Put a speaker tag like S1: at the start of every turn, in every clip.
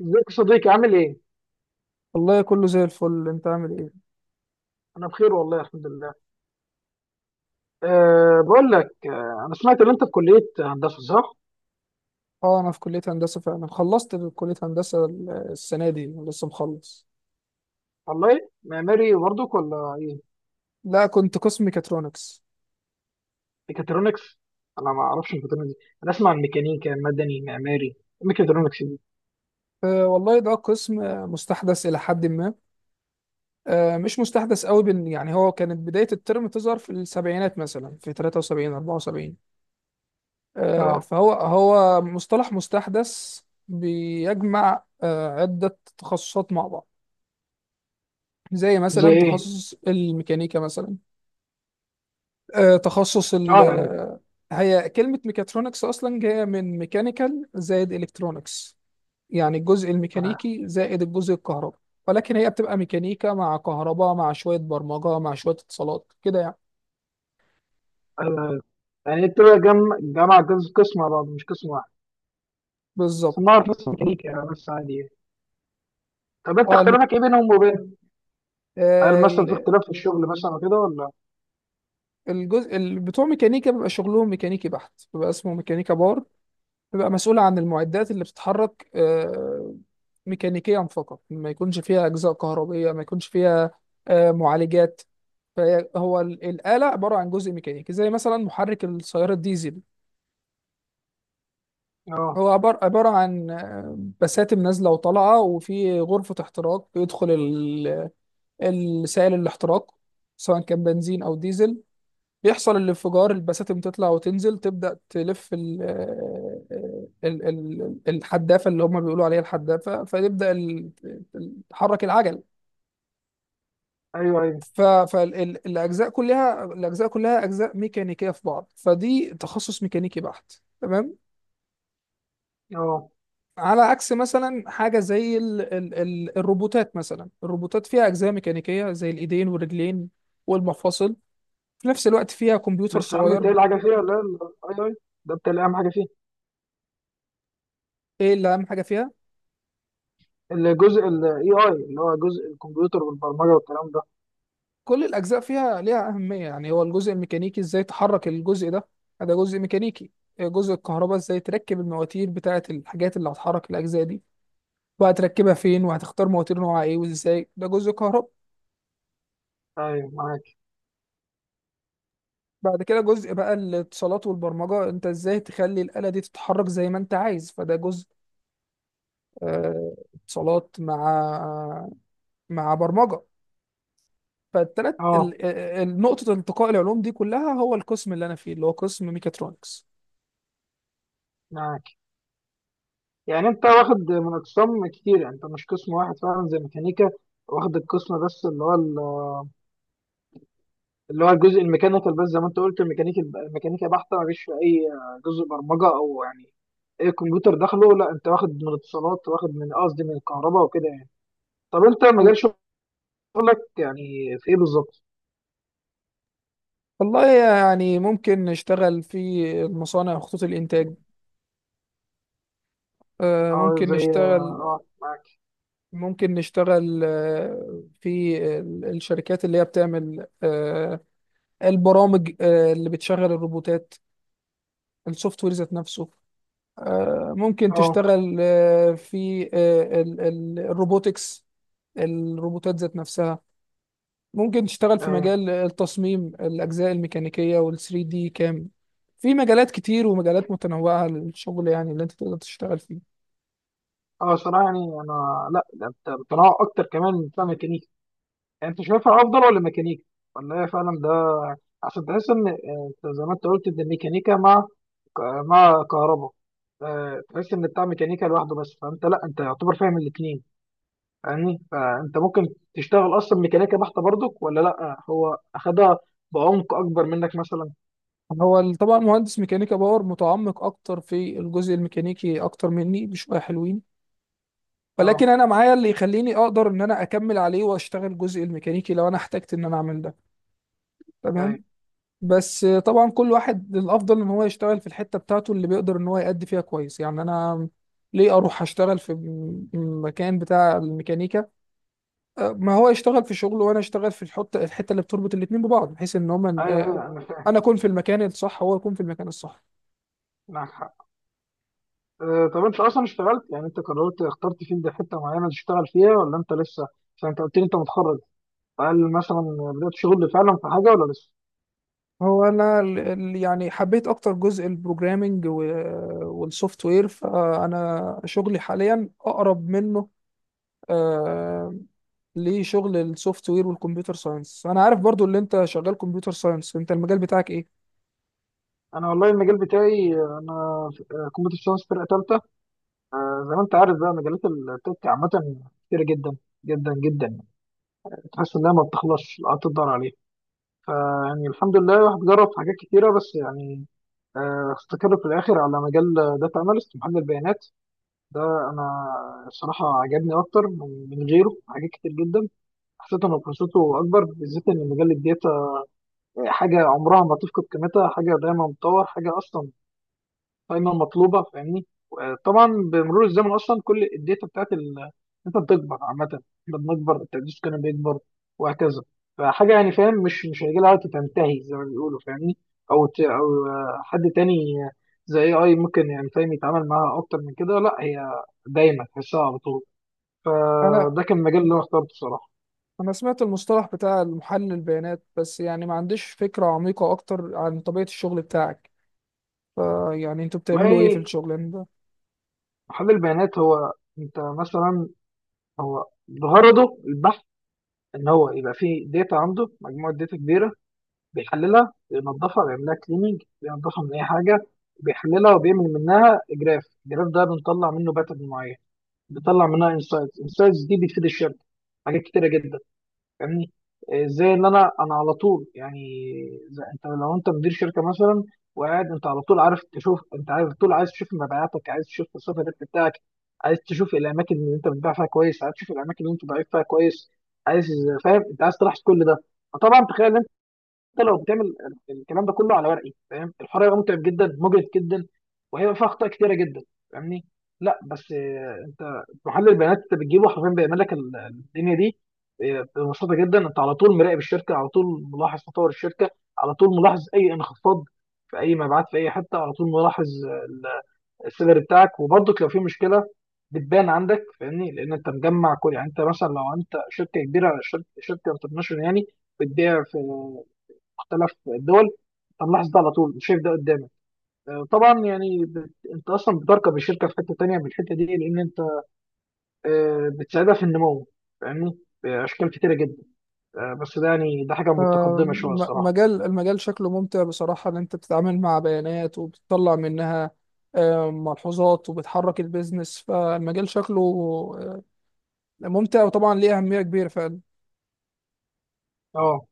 S1: ازيك يا صديقي؟ عامل ايه؟
S2: والله كله زي الفل، انت عامل ايه؟
S1: انا بخير والله الحمد لله. بقول لك، انا سمعت ان انت في كلية هندسة، صح؟
S2: اه، انا في كلية هندسة فعلا. خلصت كلية هندسة السنة دي، لسه مخلص.
S1: والله معماري برضك ولا ايه؟
S2: لا، كنت قسم ميكاترونكس.
S1: ميكاترونكس؟ انا ما اعرفش الميكاترونكس دي. انا اسمع عن ميكانيكا، مدني، معماري. ميكاترونكس دي.
S2: والله ده قسم مستحدث الى حد ما. مش مستحدث قوي، يعني هو كانت بداية الترم تظهر في السبعينات، مثلا في 73، 74.
S1: اه،
S2: فهو مصطلح مستحدث بيجمع عدة تخصصات مع بعض، زي
S1: زي
S2: مثلا
S1: ايه؟
S2: تخصص الميكانيكا مثلا. آه، تخصص ال
S1: اه، يعني
S2: آه، هي كلمة ميكاترونكس أصلا جاية من ميكانيكال زائد إلكترونكس، يعني الجزء الميكانيكي زائد الجزء الكهرباء. ولكن هي بتبقى ميكانيكا مع كهرباء مع شوية برمجة مع شوية اتصالات، كده يعني.
S1: أه يعني انت بقى جامعة، جزء قسم على بعض، مش قسم واحد. بس انا
S2: بالظبط.
S1: اعرف بس ميكانيكا يعني، بس عادي يعني. طب انت
S2: اه المك...
S1: اختلافك ايه بينهم وبين؟ هل
S2: آه،
S1: مثلا في
S2: ال-
S1: اختلاف في الشغل مثلا وكده ولا؟
S2: الجزء بتوع ميكانيكا بيبقى شغلهم ميكانيكي بحت، بيبقى اسمه ميكانيكا بار. بيبقى مسؤولة عن المعدات اللي بتتحرك ميكانيكيا فقط، ما يكونش فيها أجزاء كهربية، ما يكونش فيها معالجات. فهو الآلة عبارة عن جزء ميكانيكي، زي مثلا محرك السيارة الديزل.
S1: اه،
S2: هو عبارة عن بساتم نازلة وطالعة، وفي غرفة احتراق بيدخل السائل الاحتراق، سواء كان بنزين أو ديزل. بيحصل الانفجار، البساتم تطلع وتنزل، تبدأ تلف ال آه، ال- ال- الحدافة، اللي هم بيقولوا عليها الحدافة، فتبدأ تحرك العجل.
S1: ايوه ايوه
S2: فالأجزاء كلها الأجزاء كلها أجزاء ميكانيكية في بعض، فدي تخصص ميكانيكي بحت، تمام.
S1: اه.
S2: على عكس مثلا حاجة زي ال ال ال الروبوتات مثلا، الروبوتات فيها أجزاء ميكانيكية زي الإيدين والرجلين والمفاصل، في نفس الوقت فيها كمبيوتر
S1: بس عم
S2: صغير.
S1: بيتهيألي حاجة فيها، ولا الاي اي ده بيتهيألي أهم حاجة فيه؟
S2: إيه اللي أهم حاجة فيها؟
S1: الجزء الاي اي اللي هو جزء الكمبيوتر والبرمجة والكلام ده.
S2: كل الأجزاء فيها ليها أهمية، يعني هو الجزء الميكانيكي إزاي تحرك الجزء ده، ده جزء ميكانيكي. جزء الكهرباء، إزاي تركب المواتير بتاعة الحاجات اللي هتحرك الأجزاء دي، وهتركبها فين، وهتختار مواتير نوعها إيه وإزاي، ده جزء كهرباء.
S1: أيوه، معاك.
S2: بعد كده، جزء بقى الاتصالات والبرمجة، أنت إزاي تخلي الآلة دي تتحرك زي ما أنت عايز، فده جزء اتصالات مع برمجة. فالتلات
S1: أه
S2: نقطة التقاء العلوم دي كلها هو القسم اللي أنا فيه، اللي هو قسم ميكاترونكس.
S1: معاك. يعني أنت واخد من أقسام كتير، يعني أنت مش قسم واحد فعلا زي ميكانيكا واخد القسم بس اللي هو اللي هو الجزء الميكانيكال بس، زي ما أنت قلت الميكانيكا بحتة مفيش في أي جزء برمجة أو يعني أي كمبيوتر داخله. لا، أنت واخد من اتصالات، واخد من، قصدي، من الكهرباء وكده يعني. طب أنت مجال شغلك يعني في إيه بالظبط؟
S2: والله، يعني ممكن نشتغل في المصانع، خطوط الإنتاج، آه،
S1: اه،
S2: ممكن
S1: زي
S2: نشتغل
S1: اه، معاك.
S2: ممكن نشتغل في الشركات اللي هي بتعمل البرامج اللي بتشغل الروبوتات، السوفت وير ذات نفسه. ممكن
S1: اه،
S2: تشتغل في الروبوتكس، الروبوتات ذات نفسها. ممكن تشتغل في
S1: ايوه.
S2: مجال التصميم الأجزاء الميكانيكية وال 3 دي كام. في مجالات كتير ومجالات متنوعة للشغل، يعني اللي أنت تقدر تشتغل فيه.
S1: اه صراحة يعني انا لا، ده انت بتنوع اكتر كمان من بتاع ميكانيكا. يعني انت شايفها افضل ولا ميكانيكا؟ ولا هي فعلا ده عشان تحس ان انت زي ما انت قلت ان الميكانيكا مع ك- مع كهرباء، تحس ان بتاع ميكانيكا لوحده بس، فانت لا، انت يعتبر فاهم الاثنين. فاهمني؟ فانت ممكن تشتغل اصلا ميكانيكا بحته برضك، ولا لا، هو اخدها بعمق اكبر منك مثلا.
S2: هو طبعا مهندس ميكانيكا باور متعمق أكتر في الجزء الميكانيكي أكتر مني بشوية حلوين.
S1: اه،
S2: ولكن أنا معايا اللي يخليني أقدر إن أنا أكمل عليه وأشتغل الجزء الميكانيكي لو أنا احتجت إن أنا أعمل ده،
S1: ايوه
S2: تمام. بس طبعا كل واحد الأفضل إن هو يشتغل في الحتة بتاعته اللي بيقدر إن هو يأدي فيها كويس، يعني أنا ليه اروح اشتغل في مكان بتاع الميكانيكا؟ ما هو يشتغل في شغله وانا اشتغل في الحته اللي بتربط الاثنين ببعض، بحيث ان هما،
S1: ايوه ايوه، انا فاهم،
S2: انا اكون في المكان الصح، هو يكون في المكان الصح.
S1: معاك حق. طب انت اصلا اشتغلت؟ يعني انت قررت اخترت فين ده، حته معينه تشتغل فيها، ولا انت لسه؟ عشان انت قلت لي انت متخرج، فهل مثلا بدات شغل فعلا في حاجه ولا لسه؟
S2: هو انا يعني حبيت اكتر جزء البروجرامينج والسوفت وير، فانا شغلي حاليا اقرب منه آه، لشغل السوفت وير والكمبيوتر ساينس. انا عارف برضو اللي انت شغال كمبيوتر ساينس، انت المجال بتاعك ايه؟
S1: انا والله المجال بتاعي، انا كمبيوتر ساينس فرقه ثالثه. زي ما انت عارف بقى مجالات التك عامه كتيره جدا، جدا جدا يعني، تحس انها ما بتخلصش، لا تقدر عليها. فيعني الحمد لله الواحد جرب في حاجات كتيره، بس يعني استقر في الاخر على مجال داتا اناليست، محلل بيانات. ده انا الصراحه عجبني اكتر من غيره حاجات كتير جدا. حسيت ان فرصته اكبر، بالذات ان مجال الداتا حاجه عمرها ما تفقد قيمتها، حاجه دايما بتطور، حاجه اصلا دايما مطلوبه. فاهمني؟ طبعا بمرور الزمن اصلا كل الداتا بتاعت الداتا بتكبر عامه، احنا بنكبر، التقديس كان بيكبر، وهكذا. فحاجه يعني فاهم مش هيجي لها وقت تنتهي زي ما بيقولوا. فاهمني؟ او او حد تاني زي اي ممكن يعني فاهم يتعامل معاها اكتر من كده، لا هي دايما تحسها على طول.
S2: انا
S1: فده كان المجال اللي انا اخترته بصراحه.
S2: انا سمعت المصطلح بتاع محلل البيانات، بس يعني ما عنديش فكرة عميقة اكتر عن طبيعة الشغل بتاعك، فيعني انتوا بتعملوا ايه في
S1: والله،
S2: الشغل ده؟
S1: محلل البيانات هو انت مثلا، هو غرضه البحث، ان هو يبقى فيه داتا عنده، مجموعه داتا كبيره، بيحللها، بينظفها، بيعملها كليننج، بينظفها من اي حاجه، بيحللها وبيعمل منها جراف، الجراف ده بنطلع منه باترن معين، بنطلع منها انسايتس، انسايتس دي بتفيد الشركه حاجات كتيره جدا. فاهمني؟ زي ان انا على طول يعني، زي انت لو انت مدير شركه مثلا، وقاعد انت على طول عارف تشوف، انت عارف طول عايز تشوف مبيعاتك، عايز تشوف مصروف الربح بتاعك، عايز تشوف الاماكن اللي انت بتبيع فيها كويس، عايز تشوف الاماكن اللي انت ضعيف فيها كويس، عايز، فاهم، انت عايز تلاحظ كل ده. فطبعا تخيل حتى لو بتعمل الكلام ده كله على ورقي، فاهم الحوار هيبقى متعب جدا، مجهد جدا، وهيبقى فيها اخطاء كتيره جدا. فاهمني؟ لا بس انت محلل البيانات انت بتجيبه حرفيا بيعمل لك الدنيا دي. ببساطه جدا، انت على طول مراقب الشركه، على طول ملاحظ تطور الشركه، على طول ملاحظ اي انخفاض في اي مبيعات في اي حته، على طول ملاحظ السيلر بتاعك، وبرضك لو في مشكله بتبان عندك. فاهمني؟ لان انت مجمع كل، يعني انت مثلا لو انت شركه كبيره، شركه انترناشونال يعني، بتبيع في مختلف الدول، طب لاحظ ده على طول، شايف ده قدامك. طبعا يعني انت اصلا بتركب الشركه في حته تانيه من الحته دي، لان انت بتساعدها في النمو. فاهمني؟ باشكال كتيره جدا. بس ده يعني ده حاجه متقدمه شويه الصراحه.
S2: المجال شكله ممتع بصراحة، ان انت بتتعامل مع بيانات وبتطلع منها ملحوظات، وبتحرك البيزنس، فالمجال شكله آه، ممتع، وطبعا ليه أهمية كبيرة فعلا.
S1: اه،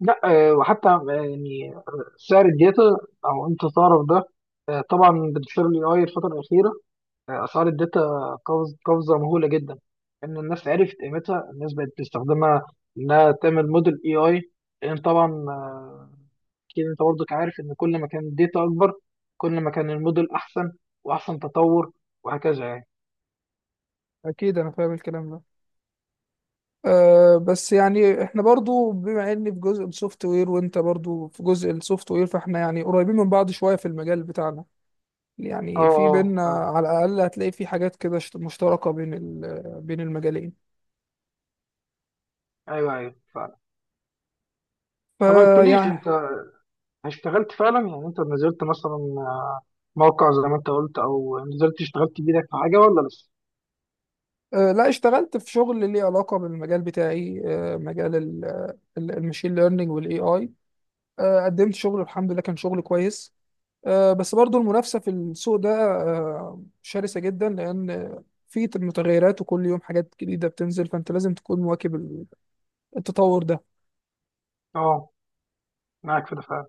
S1: لا، وحتى يعني سعر الداتا او انت تعرف ده. طبعا بتشتغل الاي الفتره الاخيره، اسعار الداتا قفزه مهوله جدا، ان الناس عرفت قيمتها، الناس بقت تستخدمها انها تعمل موديل اي اي. لان طبعا اكيد انت برضك عارف ان كل ما كان الداتا اكبر، كل ما كان الموديل احسن واحسن تطور، وهكذا يعني.
S2: أكيد أنا فاهم الكلام ده. بس يعني احنا برضو بما اني في جزء السوفت وير وانت برضو في جزء السوفت وير، فاحنا يعني قريبين من بعض شوية في المجال بتاعنا،
S1: اه اه
S2: يعني في بيننا
S1: فعلا.
S2: على الأقل هتلاقي في حاجات كده مشتركة بين بين المجالين،
S1: ايوه ايوه فعلا. طب ما قلتليش
S2: فيعني
S1: انت، اشتغلت فعلا؟ يعني انت نزلت مثلا موقع زي ما انت قلت، او نزلت اشتغلت بايدك في حاجه ولا لسه؟
S2: لا، اشتغلت في شغل ليه علاقة بالمجال بتاعي، مجال المشين ليرنينج والاي اي. قدمت شغل الحمد لله، كان شغل كويس، بس برضو المنافسة في السوق ده شرسة جدا، لأن في متغيرات وكل يوم حاجات جديدة بتنزل، فأنت لازم تكون مواكب التطور ده.
S1: اه، معاك في ده فعلا،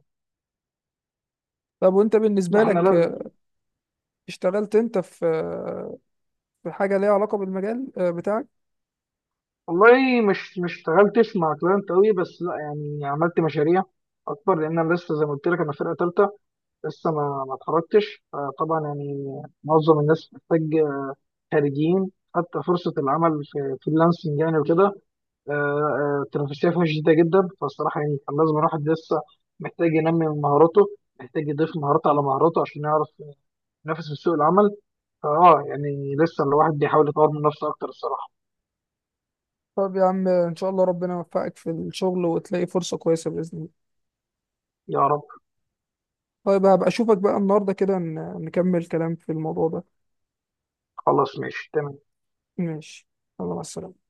S2: طب وأنت
S1: ده
S2: بالنسبة
S1: احنا
S2: لك،
S1: لازم.
S2: اشتغلت أنت في حاجة ليها علاقة بالمجال بتاعك؟
S1: والله مش اشتغلتش مع كلاينت قوي، بس لا يعني عملت مشاريع اكبر، لان انا لسه زي ما قلت لك انا فرقه ثالثه، لسه ما اتخرجتش، فطبعا يعني معظم الناس محتاج، خارجين حتى فرصه العمل في فريلانسنج يعني وكده. التنافسيه فيها شديده جدا، فالصراحه يعني كان لازم الواحد لسه محتاج ينمي من مهاراته، محتاج يضيف مهارات على مهاراته عشان يعرف ينافس في سوق العمل. فاه يعني لسه الواحد بيحاول يطور من نفسه اكتر الصراحه.
S2: طب يا عم، إن شاء الله ربنا يوفقك في الشغل وتلاقي فرصة كويسة بإذن الله.
S1: يا رب.
S2: طيب هبقى اشوفك بقى النهارده كده، نكمل كلام في الموضوع ده.
S1: خلاص ماشي، تمام.
S2: ماشي، يلا مع السلامة.